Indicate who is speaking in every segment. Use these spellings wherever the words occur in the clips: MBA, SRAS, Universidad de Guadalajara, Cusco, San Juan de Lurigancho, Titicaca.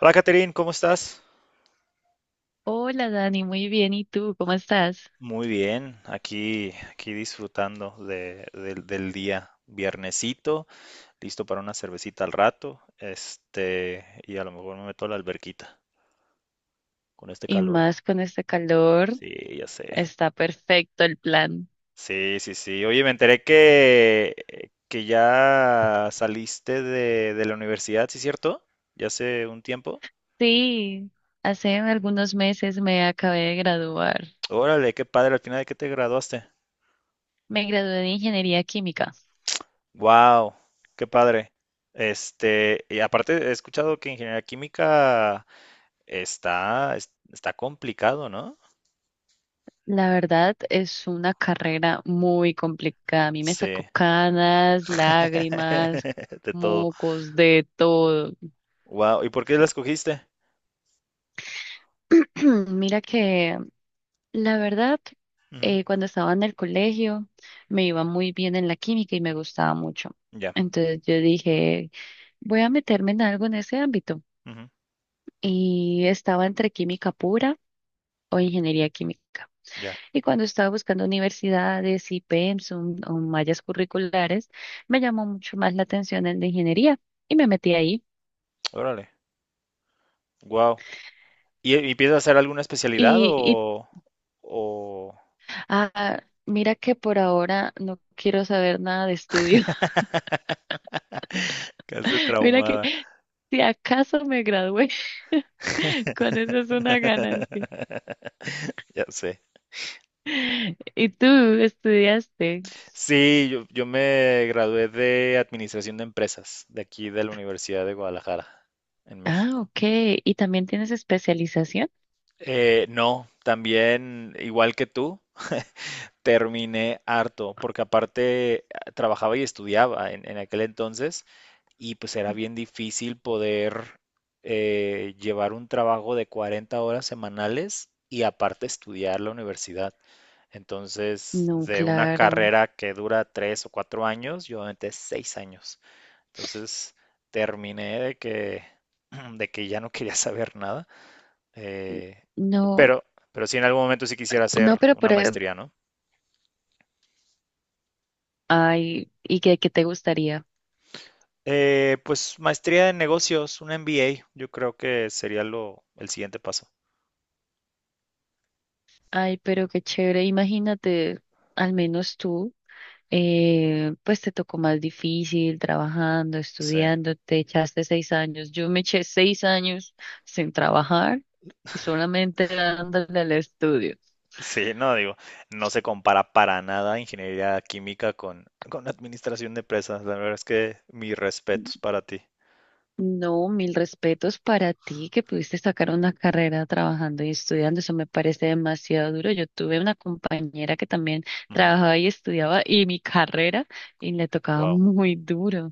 Speaker 1: Hola, Catherine, ¿cómo estás?
Speaker 2: Hola Dani, muy bien. ¿Y tú cómo estás?
Speaker 1: Muy bien, aquí disfrutando del día. Viernesito, listo para una cervecita al rato, y a lo mejor me meto a la alberquita con este
Speaker 2: Y
Speaker 1: calor.
Speaker 2: más con este calor,
Speaker 1: Sí, ya sé.
Speaker 2: está perfecto el plan.
Speaker 1: Sí, sí, sí. Oye, me enteré que ya saliste de la universidad, ¿sí es cierto? Ya hace un tiempo.
Speaker 2: Sí, hace algunos meses me acabé de graduar.
Speaker 1: Órale, qué padre, al final de qué te graduaste.
Speaker 2: Me gradué de ingeniería química.
Speaker 1: Wow, qué padre. Y aparte he escuchado que ingeniería química está complicado, ¿no?
Speaker 2: La verdad es una carrera muy complicada. A mí me
Speaker 1: Sí,
Speaker 2: sacó canas, lágrimas,
Speaker 1: de todo.
Speaker 2: mocos, de todo.
Speaker 1: Wow, ¿y por qué la escogiste?
Speaker 2: Mira que la verdad,
Speaker 1: Ujú,
Speaker 2: cuando estaba en el colegio me iba muy bien en la química y me gustaba mucho.
Speaker 1: ya,
Speaker 2: Entonces yo dije, voy a meterme en algo en ese ámbito.
Speaker 1: ujú,
Speaker 2: Y estaba entre química pura o ingeniería química.
Speaker 1: ya,
Speaker 2: Y cuando estaba buscando universidades y pensum o mallas curriculares, me llamó mucho más la atención el de ingeniería y me metí ahí.
Speaker 1: órale, wow. ¿Y piensas hacer alguna especialidad
Speaker 2: Y, y
Speaker 1: o…?
Speaker 2: mira que por ahora no quiero saber nada de estudios.
Speaker 1: Casi
Speaker 2: Mira que
Speaker 1: traumada.
Speaker 2: si acaso me gradué, con eso es una ganancia.
Speaker 1: Ya sé.
Speaker 2: ¿Y tú estudiaste?
Speaker 1: Sí, yo me gradué de Administración de Empresas, de aquí de la Universidad de Guadalajara, en
Speaker 2: Ah,
Speaker 1: México.
Speaker 2: ok. ¿Y también tienes especialización?
Speaker 1: No, también, igual que tú, terminé harto, porque aparte trabajaba y estudiaba en aquel entonces, y pues era bien difícil poder llevar un trabajo de 40 horas semanales y aparte estudiar la universidad. Entonces,
Speaker 2: No,
Speaker 1: de una
Speaker 2: claro.
Speaker 1: carrera que dura 3 o 4 años, yo aventé 6 años. Entonces terminé de que, de que ya no quería saber nada, eh,
Speaker 2: No,
Speaker 1: pero, pero sí en algún momento sí quisiera
Speaker 2: no,
Speaker 1: hacer
Speaker 2: pero
Speaker 1: una maestría, ¿no?
Speaker 2: ay, ¿y qué te gustaría?
Speaker 1: Pues maestría en negocios, un MBA, yo creo que sería lo, el siguiente paso.
Speaker 2: Ay, pero qué chévere. Imagínate, al menos tú, pues te tocó más difícil trabajando,
Speaker 1: Sí,
Speaker 2: estudiando, te echaste 6 años. Yo me eché 6 años sin trabajar y solamente dándole al estudio.
Speaker 1: sí, no digo, no se compara para nada ingeniería química con administración de empresas. La verdad es que mis respetos para ti.
Speaker 2: No, mil respetos para ti que pudiste sacar una carrera trabajando y estudiando. Eso me parece demasiado duro. Yo tuve una compañera que también
Speaker 1: Ujú,
Speaker 2: trabajaba y estudiaba y mi carrera y le tocaba
Speaker 1: wow.
Speaker 2: muy duro.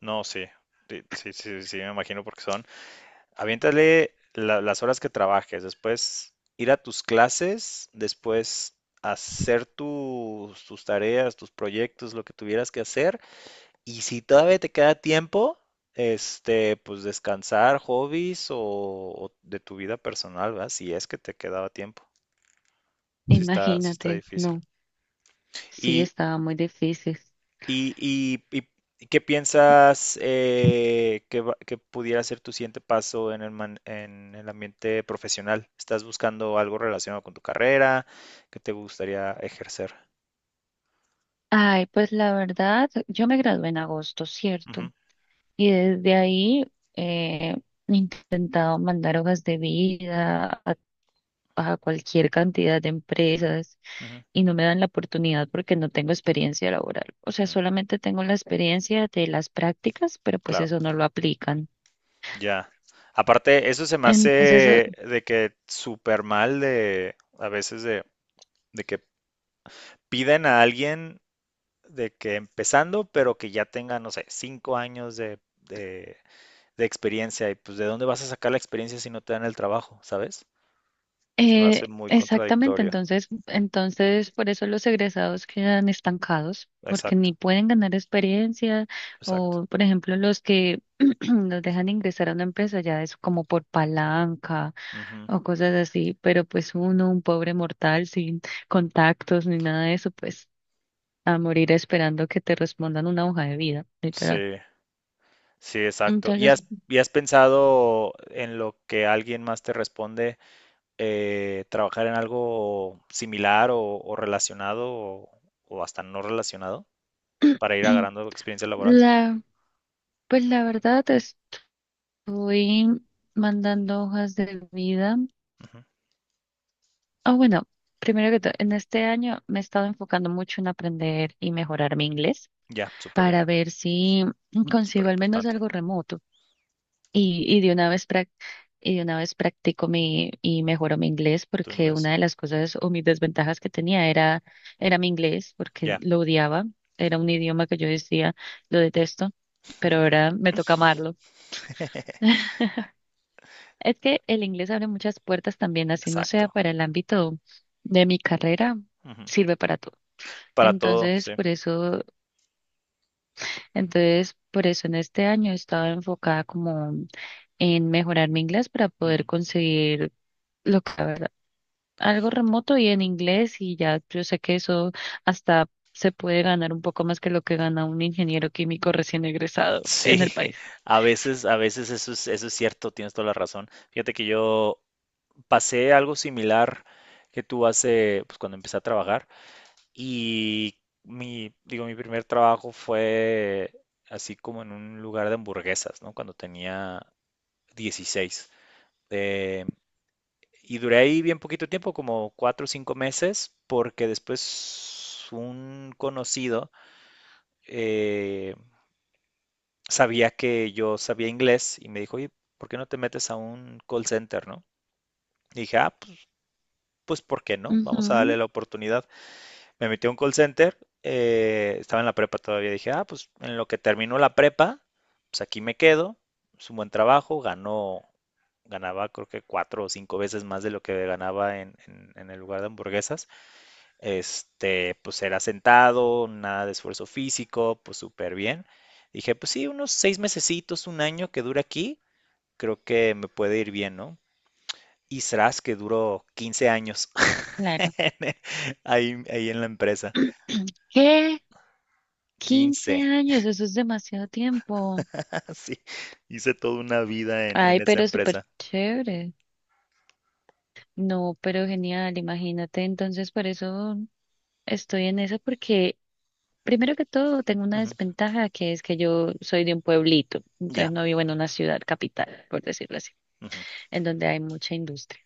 Speaker 1: No, sí, sí, sí, sí, sí, me imagino porque son. Aviéntale las horas que trabajes, después ir a tus clases, después hacer tus tareas, tus proyectos, lo que tuvieras que hacer. Y si todavía te queda tiempo, pues descansar, hobbies o de tu vida personal, ¿verdad? Si es que te quedaba tiempo. Si está, sí está
Speaker 2: Imagínate,
Speaker 1: difícil.
Speaker 2: no, sí,
Speaker 1: Y
Speaker 2: estaba muy difícil.
Speaker 1: ¿Y, y- y- y qué piensas que pudiera ser tu siguiente paso en el, en el ambiente profesional? ¿Estás buscando algo relacionado con tu carrera que te gustaría ejercer?
Speaker 2: Ay, pues la verdad, yo me gradué en agosto, ¿cierto?
Speaker 1: Ujú,
Speaker 2: Y desde ahí he intentado mandar hojas de vida a cualquier cantidad de empresas
Speaker 1: ujú.
Speaker 2: y no me dan la oportunidad porque no tengo experiencia laboral. O sea,
Speaker 1: Mm,
Speaker 2: solamente tengo la experiencia de las prácticas, pero pues
Speaker 1: claro,
Speaker 2: eso no lo aplican.
Speaker 1: ya. Aparte, eso se me
Speaker 2: Entonces, eh,
Speaker 1: hace de que súper mal de a veces de que piden a alguien de que empezando, pero que ya tenga, no sé, 5 años de experiencia y pues de dónde vas a sacar la experiencia si no te dan el trabajo, ¿sabes? Se me
Speaker 2: eh,
Speaker 1: hace muy
Speaker 2: exactamente,
Speaker 1: contradictorio.
Speaker 2: entonces, entonces por eso los egresados quedan estancados, porque
Speaker 1: Exacto,
Speaker 2: ni pueden ganar experiencia
Speaker 1: exacto.
Speaker 2: o, por ejemplo, los que los dejan ingresar a una empresa ya es como por palanca
Speaker 1: Ujú.
Speaker 2: o cosas así, pero pues uno, un pobre mortal sin contactos ni nada de eso, pues a morir esperando que te respondan una hoja de vida,
Speaker 1: Sí,
Speaker 2: literal.
Speaker 1: sí, exacto. ¿Y
Speaker 2: Entonces,
Speaker 1: has, y has pensado en lo que alguien más te responde, trabajar en algo similar o relacionado o hasta no relacionado para ir agarrando experiencia laboral?
Speaker 2: la, pues la verdad estoy mandando hojas de vida.
Speaker 1: Ujú.
Speaker 2: Ah, bueno, primero que todo, en este año me he estado enfocando mucho en aprender y mejorar mi inglés
Speaker 1: Ya, súper bien,
Speaker 2: para ver si
Speaker 1: súper
Speaker 2: consigo al menos
Speaker 1: importante
Speaker 2: algo remoto. Y de una vez practico mi y mejoro mi inglés,
Speaker 1: tu
Speaker 2: porque
Speaker 1: inglés.
Speaker 2: una de las cosas o mis desventajas que tenía era mi inglés, porque
Speaker 1: Ya,
Speaker 2: lo odiaba, era un idioma que yo decía lo detesto, pero ahora me toca amarlo. Es que el inglés abre muchas puertas también, así no sea
Speaker 1: exacto.
Speaker 2: para el ámbito de mi carrera,
Speaker 1: Ujú.
Speaker 2: sirve para todo.
Speaker 1: Para todo,
Speaker 2: Entonces,
Speaker 1: sí.
Speaker 2: por eso, entonces, por eso en este año he estado enfocada como en mejorar mi inglés para poder
Speaker 1: Ujú.
Speaker 2: conseguir lo que algo remoto y en inglés, y ya yo sé que eso hasta se puede ganar un poco más que lo que gana un ingeniero químico recién egresado
Speaker 1: Sí,
Speaker 2: en el país.
Speaker 1: a veces eso es cierto, tienes toda la razón. Fíjate que yo pasé algo similar que tú hace, pues cuando empecé a trabajar y mi, digo, mi primer trabajo fue así como en un lugar de hamburguesas, ¿no? Cuando tenía 16. Eh, y duré ahí bien poquito tiempo, como 4 o 5 meses, porque después un conocido, eh, sabía que yo sabía inglés y me dijo, oye, ¿por qué no te metes a un call center, no? Y dije, pues, ¿por qué no? Vamos a
Speaker 2: Ujú,
Speaker 1: darle la oportunidad. Me metí a un call center, estaba en la prepa todavía, dije, pues en lo que terminó la prepa, pues aquí me quedo, es un buen trabajo, ganaba creo que 4 o 5 veces más de lo que ganaba en, en el lugar de hamburguesas. Pues era sentado, nada de esfuerzo físico, pues súper bien. Dije, pues sí, unos 6 mesecitos, un año que dura aquí creo que me puede ir bien, ¿no? Y SRAS, que duró 15 años
Speaker 2: claro.
Speaker 1: ahí, ahí en la empresa.
Speaker 2: ¿Qué? quince
Speaker 1: 15,
Speaker 2: años, eso es demasiado tiempo.
Speaker 1: sí. Hice toda una vida en
Speaker 2: Ay,
Speaker 1: esa
Speaker 2: pero súper
Speaker 1: empresa.
Speaker 2: chévere. No, pero genial, imagínate. Entonces, por eso estoy en eso, porque primero que todo tengo una
Speaker 1: Ujú,
Speaker 2: desventaja que es que yo soy de un pueblito, entonces
Speaker 1: ya,
Speaker 2: no vivo en una ciudad capital, por decirlo así,
Speaker 1: ujú,
Speaker 2: en donde hay mucha industria.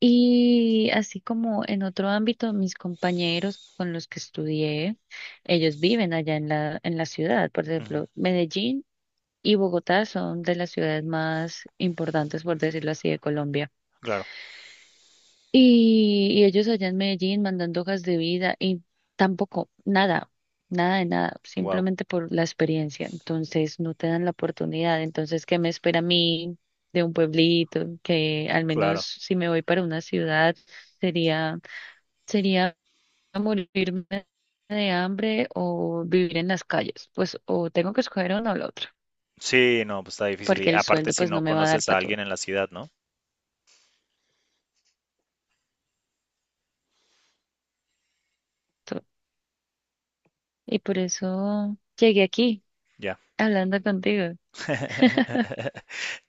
Speaker 2: Y así como en otro ámbito, mis compañeros con los que estudié, ellos viven allá en la ciudad. Por
Speaker 1: ujú,
Speaker 2: ejemplo, Medellín y Bogotá son de las ciudades más importantes, por decirlo así, de Colombia.
Speaker 1: claro.
Speaker 2: Y ellos allá en Medellín mandando hojas de vida y tampoco, nada, nada de nada,
Speaker 1: Wow.
Speaker 2: simplemente por la experiencia. Entonces, no te dan la oportunidad. Entonces, ¿qué me espera a mí de un pueblito? Que al menos
Speaker 1: Claro.
Speaker 2: si me voy para una ciudad, sería sería morirme de hambre o vivir en las calles. Pues o tengo que escoger uno o lo otro,
Speaker 1: Sí, no, pues está difícil. Y
Speaker 2: porque el
Speaker 1: aparte
Speaker 2: sueldo
Speaker 1: si
Speaker 2: pues
Speaker 1: no
Speaker 2: no me va a dar
Speaker 1: conoces a
Speaker 2: para todo,
Speaker 1: alguien en la ciudad, ¿no?
Speaker 2: todo. Y por eso llegué aquí
Speaker 1: Ya.
Speaker 2: hablando contigo.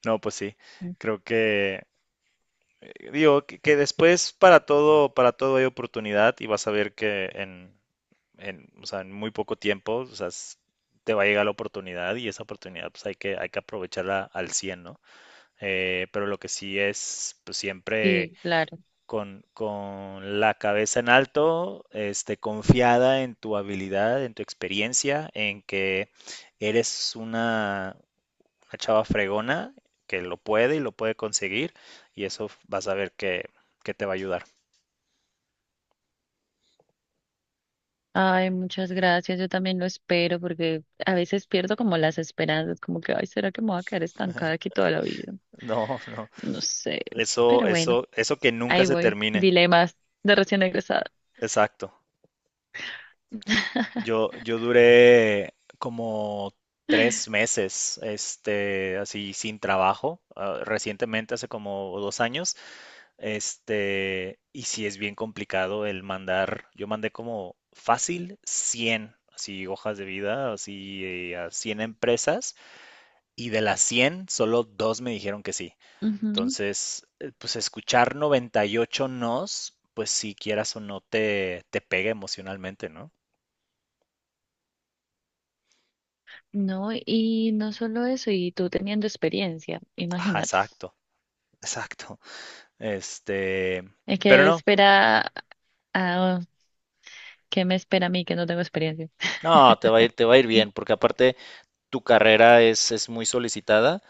Speaker 1: No, pues sí. Creo que digo que después para todo hay oportunidad y vas a ver que en, o sea, en muy poco tiempo, o sea, te va a llegar la oportunidad y esa oportunidad pues hay que aprovecharla al 100, ¿no? Pero lo que sí es, pues siempre
Speaker 2: Sí, claro.
Speaker 1: con la cabeza en alto, confiada en tu habilidad, en tu experiencia, en que eres una chava fregona que lo puede y lo puede conseguir y eso vas a ver que te va a ayudar.
Speaker 2: Ay, muchas gracias. Yo también lo espero, porque a veces pierdo como las esperanzas, como que, ay, ¿será que me voy a quedar estancada aquí toda la vida?
Speaker 1: No, no,
Speaker 2: No sé.
Speaker 1: eso,
Speaker 2: Pero bueno,
Speaker 1: eso, eso que nunca
Speaker 2: ahí
Speaker 1: se
Speaker 2: voy.
Speaker 1: termine.
Speaker 2: Dilemas de recién egresada.
Speaker 1: Exacto. Yo duré como 3 meses, así sin trabajo, recientemente, hace como 2 años, y sí es bien complicado el mandar, yo mandé como fácil 100 así hojas de vida, así a 100 empresas, y de las 100 solo dos me dijeron que sí.
Speaker 2: Ujú.
Speaker 1: Entonces, pues escuchar 98 nos, pues si quieras o no te, pega emocionalmente, ¿no?
Speaker 2: No, y no solo eso, y tú teniendo experiencia,
Speaker 1: Ajá,
Speaker 2: imagínate.
Speaker 1: exacto. Exacto. Este,
Speaker 2: Es
Speaker 1: pero
Speaker 2: que
Speaker 1: no,
Speaker 2: espera, ah, ¿qué me espera a mí que no tengo experiencia?
Speaker 1: no, te va a ir, te va a ir bien, porque aparte tu carrera es, muy solicitada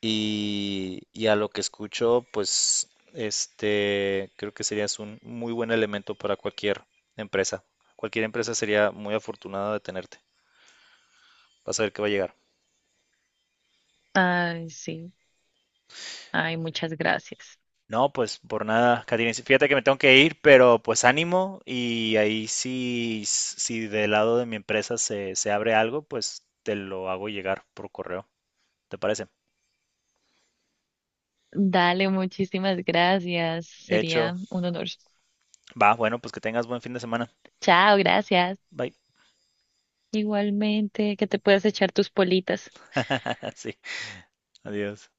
Speaker 1: y a lo que escucho, pues, creo que serías un muy buen elemento para cualquier empresa. Cualquier empresa sería muy afortunada de tenerte. Vas a ver que va a llegar.
Speaker 2: Ay, sí. Ay, muchas gracias.
Speaker 1: No, pues por nada, Katina. Fíjate que me tengo que ir, pero pues ánimo y ahí sí, si del lado de mi empresa se abre algo, pues te lo hago llegar por correo. ¿Te parece?
Speaker 2: Dale, muchísimas gracias.
Speaker 1: Hecho,
Speaker 2: Sería un honor.
Speaker 1: va, bueno, pues que tengas buen fin de semana.
Speaker 2: Chao, gracias.
Speaker 1: Bye.
Speaker 2: Igualmente, que te puedas echar tus politas.
Speaker 1: sí, adiós.